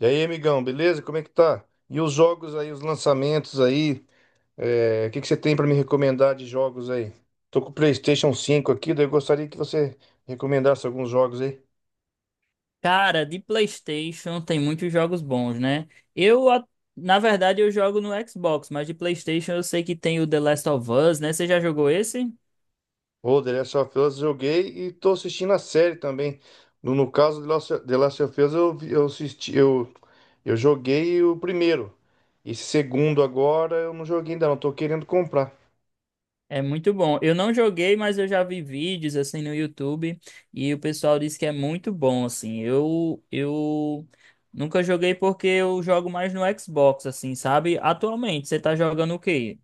E aí, amigão, beleza? Como é que tá? E os jogos aí, os lançamentos aí, o que que você tem pra me recomendar de jogos aí? Tô com o PlayStation cinco aqui, daí eu gostaria que você recomendasse alguns jogos aí. Cara, de PlayStation tem muitos jogos bons, né? Eu, a- na verdade, eu jogo no Xbox, mas de PlayStation eu sei que tem o The Last of Us, né? Você já jogou esse? Ô, The Last of Us joguei e tô assistindo a série também. No caso de Last The Last of Us, eu assisti, eu joguei o primeiro. Esse segundo agora eu não joguei ainda, não, tô querendo comprar. É muito bom. Eu não joguei, mas eu já vi vídeos assim no YouTube e o pessoal disse que é muito bom, assim. Eu nunca joguei porque eu jogo mais no Xbox, assim, sabe? Atualmente, você tá jogando o quê?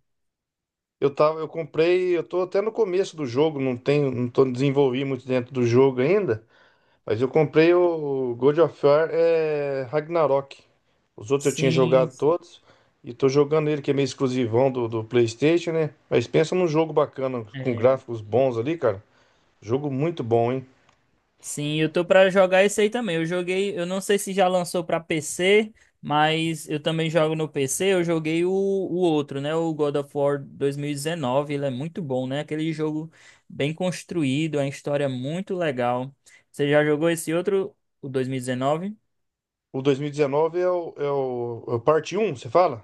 Eu comprei, eu tô até no começo do jogo, não tenho, não tô desenvolvi muito dentro do jogo ainda. Mas eu comprei o God of War Ragnarok. Os outros eu tinha Sim, jogado sim. todos. E tô jogando ele, que é meio exclusivão do PlayStation, né? Mas pensa num jogo bacana, com gráficos bons ali, cara. Jogo muito bom, hein? Sim, eu tô pra jogar esse aí também. Eu joguei, eu não sei se já lançou pra PC, mas eu também jogo no PC. Eu joguei o outro, né? O God of War 2019. Ele é muito bom, né? Aquele jogo bem construído, a história é muito legal. Você já jogou esse outro, o 2019? O 2019 é o parte Um, você fala?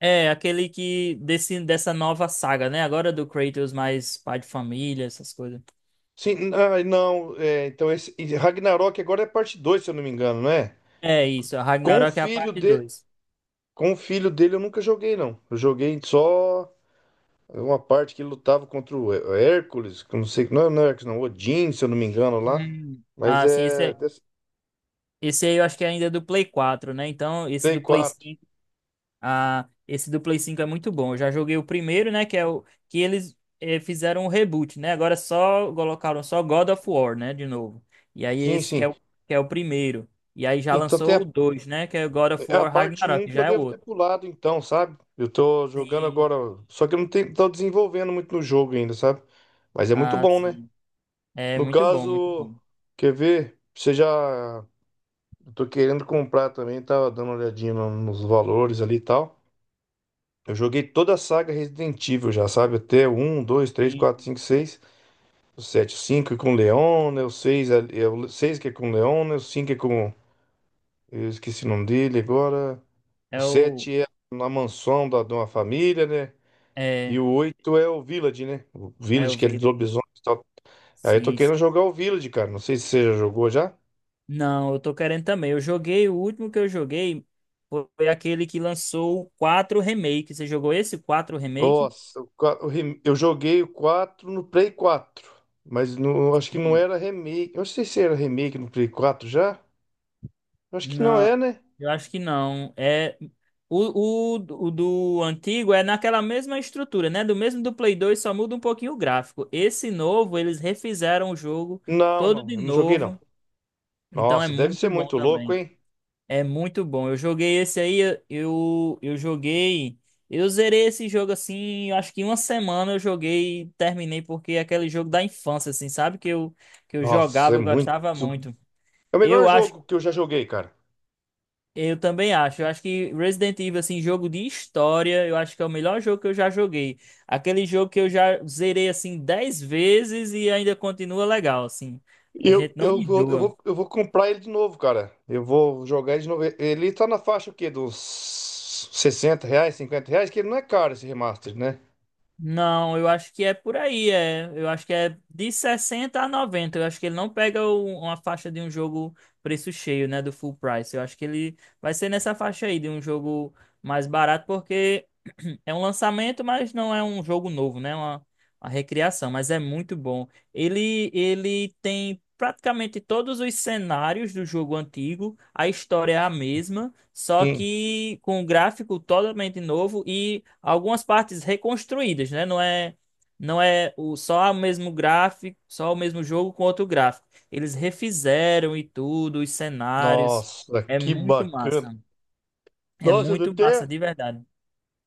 É, aquele dessa nova saga, né? Agora do Kratos mais pai de família, essas coisas. Sim, ah, não. Então esse e Ragnarok agora é parte 2, se eu não me engano, não é? É isso, a Com o Ragnarok é a filho parte de, dois. com o filho dele eu nunca joguei, não. Eu joguei só. Uma parte que lutava contra o Hércules, que eu não sei, não, é não é Hércules, não, Odin, se eu não me engano lá. Mas Ah, sim, esse, é é. dessa- Esse aí eu acho que ainda é do Play quatro, né? Então, esse Play do Play 4. cinco, ah, esse do Play cinco é muito bom. Eu já joguei o primeiro, né? Que é o que eles fizeram o reboot, né? Agora só colocaram só God of War, né? De novo. E aí Sim, esse que sim. é o, que é o primeiro. E aí já Então tem lançou o a, 2, né? Que é o God of é a War parte Ragnarok, um que que eu já é o devo ter outro. pulado, então, sabe? Eu tô jogando Sim. agora, só que eu não tenho, tô desenvolvendo muito no jogo ainda, sabe? Mas é muito Ah, bom, né? sim. É No muito bom, muito caso, bom. quer ver? Você já. Eu tô querendo comprar também, tava dando uma olhadinha nos valores ali e tal. Eu joguei toda a saga Resident Evil já, sabe? Até um, 2, três, 4, Sim. 5, 6. O 7, 5 é com o Leon, né? O 6 é o 6 que é com o Leon, né? O 5 é com. Eu esqueci o nome dele agora. O É o. 7 é na mansão de uma família, né? É, E o 8 é o Village, né? O é o Village que é de Village. lobisomens e tal. Aí eu tô Sim, querendo sim. jogar o Village, cara. Não sei se você já jogou já. Não, eu tô querendo também. Eu joguei, o último que eu joguei foi aquele que lançou o 4 Remake. Você jogou esse 4 Remake? Nossa, o qua- o rem- eu joguei o 4 no Play quatro. Mas não, acho que não Sim. era remake. Eu não sei se era remake no Play quatro já. Eu acho que não é, Não, né? eu acho que não. É o do antigo é naquela mesma estrutura, né? Do mesmo do Play 2, só muda um pouquinho o gráfico. Esse novo, eles refizeram o jogo Não, todo não. de Eu não joguei, não. novo, então é Nossa, deve ser muito bom muito louco, também. hein? É muito bom. Eu joguei esse aí, eu joguei. Eu zerei esse jogo assim, eu acho que em uma semana eu joguei e terminei, porque é aquele jogo da infância, assim, sabe? Que eu Nossa, jogava, é eu muito. gostava muito. É o melhor Eu acho, jogo que eu já joguei, cara. eu também acho. Eu acho que Resident Evil, assim, jogo de história, eu acho que é o melhor jogo que eu já joguei. Aquele jogo que eu já zerei, assim, 10 vezes e ainda continua legal, assim. A gente não enjoa. Eu vou comprar ele de novo, cara. Eu vou jogar ele de novo. Ele tá na faixa o quê? Dos R$ 60, R$ 50, que ele não é caro esse remaster, né? Não, eu acho que é por aí, é. Eu acho que é de 60 a 90. Eu acho que ele não pega uma faixa de um jogo preço cheio, né, do full price. Eu acho que ele vai ser nessa faixa aí de um jogo mais barato, porque é um lançamento, mas não é um jogo novo, né? É uma recriação, mas é muito bom. Ele tem praticamente todos os cenários do jogo antigo. A história é a mesma. Só Sim. que com um gráfico totalmente novo e algumas partes reconstruídas, né? Não é, não é o, só o mesmo gráfico, só o mesmo jogo com outro gráfico. Eles refizeram e tudo, os cenários. Nossa, É que muito bacana. massa. É Nossa, eu muito massa, até. de verdade.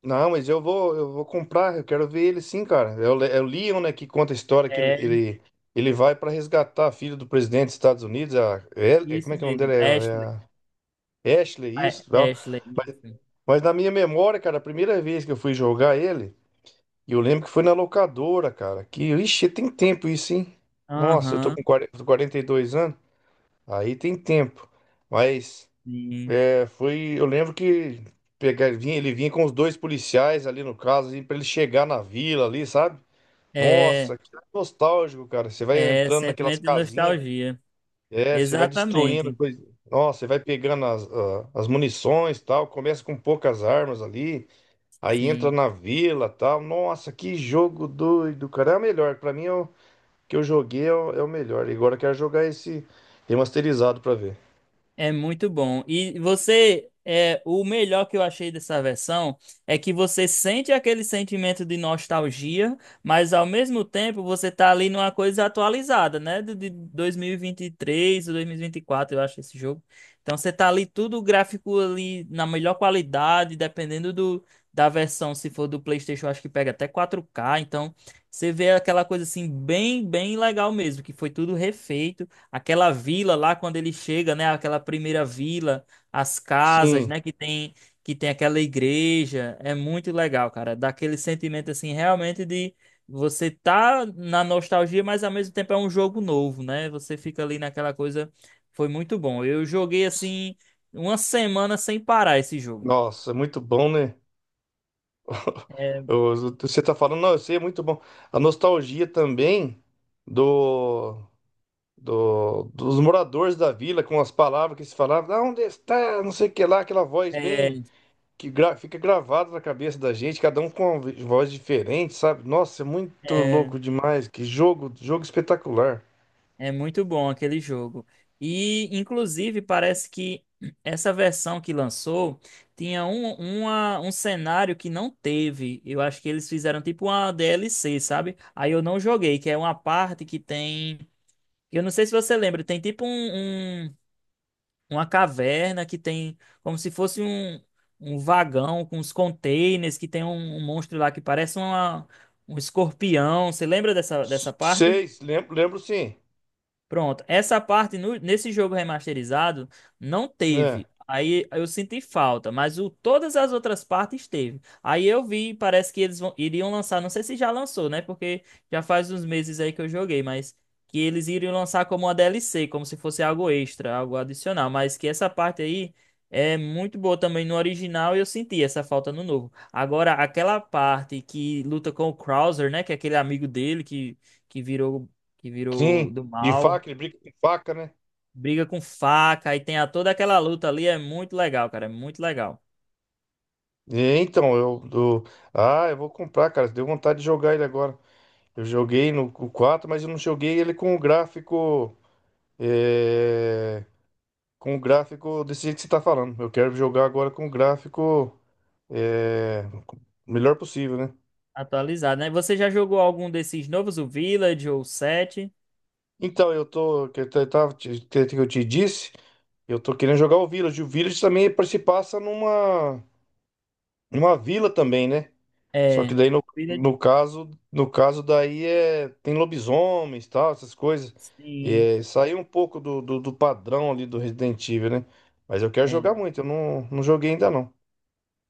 Não, mas eu vou comprar, eu quero ver ele sim, cara. É é o Leon, né, que conta a história que É ele, ele vai pra resgatar a filha do presidente dos Estados Unidos, é, como isso é que é o nome mesmo. Ashley. dela? É, é a Ashley, É, isso. Ashley, isso. Mas na minha memória, cara, a primeira vez que eu fui jogar ele, eu lembro que foi na locadora, cara. Que, ixi, tem tempo isso, hein? Nossa, eu tô Aham, com 42 anos, aí tem tempo. Mas sim. Eu lembro que pegar, vinha, ele vinha com os dois policiais ali no caso, assim, para ele chegar na vila ali, sabe? É, Nossa, que nostálgico, cara. Você vai é entrando naquelas sentimento de casinhas, nostalgia. Você vai destruindo Exatamente. coisa. Nossa, você vai pegando as munições e tal, começa com poucas armas ali. Aí entra Sim. na vila, tal. Nossa, que jogo doido, cara. É o melhor. Pra mim, é o que eu joguei é é o melhor. E agora eu quero jogar esse remasterizado pra ver. É muito bom. E você, é, o melhor que eu achei dessa versão é que você sente aquele sentimento de nostalgia, mas ao mesmo tempo você tá ali numa coisa atualizada, né? De 2023 ou 2024, eu acho, esse jogo. Então você tá ali tudo gráfico ali na melhor qualidade, dependendo da versão, se for do PlayStation, eu acho que pega até 4K. Então você vê aquela coisa assim, bem, bem legal mesmo, que foi tudo refeito. Aquela vila lá quando ele chega, né? Aquela primeira vila, as casas, Sim. né? Que tem aquela igreja, é muito legal, cara. Dá aquele sentimento assim, realmente de você tá na nostalgia, mas ao mesmo tempo é um jogo novo, né? Você fica ali naquela coisa, foi muito bom. Eu joguei assim uma semana sem parar esse jogo. Nossa, é muito bom, né? Você tá falando, não, eu sei, é muito bom. A nostalgia também do, dos moradores da vila com as palavras que se falavam: "Ah, onde está? Não sei o que lá", aquela voz bem É, fica gravado na cabeça da gente, cada um com uma voz diferente, sabe? Nossa, é muito é, louco demais. Que jogo, jogo espetacular. É muito bom aquele jogo. E, inclusive, parece que essa versão que lançou tinha um cenário que não teve. Eu acho que eles fizeram tipo uma DLC, sabe? Aí eu não joguei, que é uma parte que tem. Eu não sei se você lembra, tem tipo uma caverna que tem como se fosse um vagão com os containers, que tem um monstro lá que parece um escorpião. Você lembra dessa, dessa parte? Seis, lembro, lembro sim. Pronto, essa parte nesse jogo remasterizado não É, teve. Aí eu senti falta, mas o, todas as outras partes teve. Aí eu vi, parece que eles iriam lançar, não sei se já lançou, né? Porque já faz uns meses aí que eu joguei, mas que eles iriam lançar como uma DLC, como se fosse algo extra, algo adicional. Mas que essa parte aí é muito boa também no original e eu senti essa falta no novo. Agora, aquela parte que luta com o Krauser, né? Que é aquele amigo dele que, que virou que virou sim, do de mal, faca, ele brinca com faca, né? briga com faca, aí tem a, toda aquela luta ali, é muito legal, cara, é muito legal. É, então, eu, eu- Ah, eu vou comprar, cara. Deu vontade de jogar ele agora. Eu joguei no o quatro, mas eu não joguei ele com o gráfico. é, Com o gráfico desse jeito que você tá falando. Eu quero jogar agora com o gráfico. é, Melhor possível, né? Atualizado, né? Você já jogou algum desses novos, o Village ou o 7? Então, eu tô, que eu te- tava, te- que eu te disse, eu tô querendo jogar o Village. O Village também se passa numa, numa vila também, né? Só que É, daí no, Village, no caso, no caso daí é tem lobisomens, tal, essas coisas. sim. É, saiu um pouco do padrão ali do Resident Evil, né? Mas eu quero jogar é. muito, eu não, não joguei ainda não.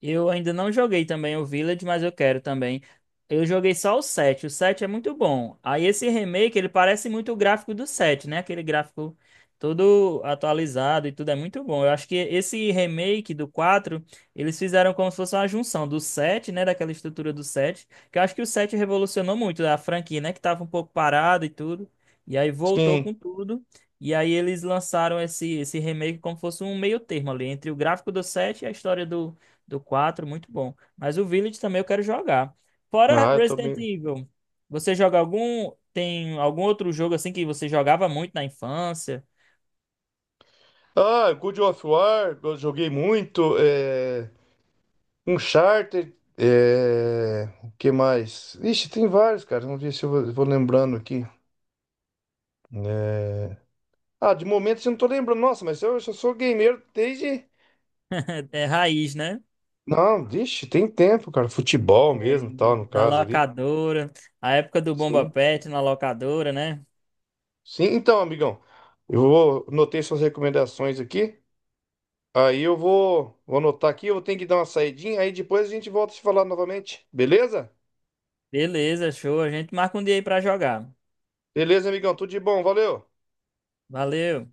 Eu ainda não joguei também o Village, mas eu quero também. Eu joguei só o 7. O 7 é muito bom. Aí esse remake, ele parece muito o gráfico do 7, né? Aquele gráfico todo atualizado e tudo é muito bom. Eu acho que esse remake do 4 eles fizeram como se fosse uma junção do 7, né? Daquela estrutura do 7. Que eu acho que o 7 revolucionou muito a franquia, né? Que tava um pouco parada e tudo. E aí voltou Sim. com tudo. E aí eles lançaram esse remake como se fosse um meio termo ali, entre o gráfico do 7 e a história do 4 muito bom. Mas o Village também eu quero jogar. Fora Ah, eu tô Resident meio... Evil, você joga algum. Tem algum outro jogo assim que você jogava muito na infância? Ah, God of War, eu joguei muito. É... Uncharted, é... o que mais? Ixi, tem vários, cara. Vamos ver se vou lembrando aqui. É... Ah, de momento eu não tô lembrando. Nossa, mas eu sou gamer desde. É raiz, né? Não, vixe, tem tempo, cara. Futebol É, mesmo, tal, no da caso ali. locadora. A época do Bomba Sim. Pet na locadora, né? Sim, então, amigão. Eu vou anotei suas recomendações aqui. Vou anotar aqui, eu vou ter que dar uma saidinha, aí depois a gente volta a se falar novamente. Beleza? Beleza, show. A gente marca um dia aí pra jogar. Beleza, amigão. Tudo de bom, valeu. Valeu.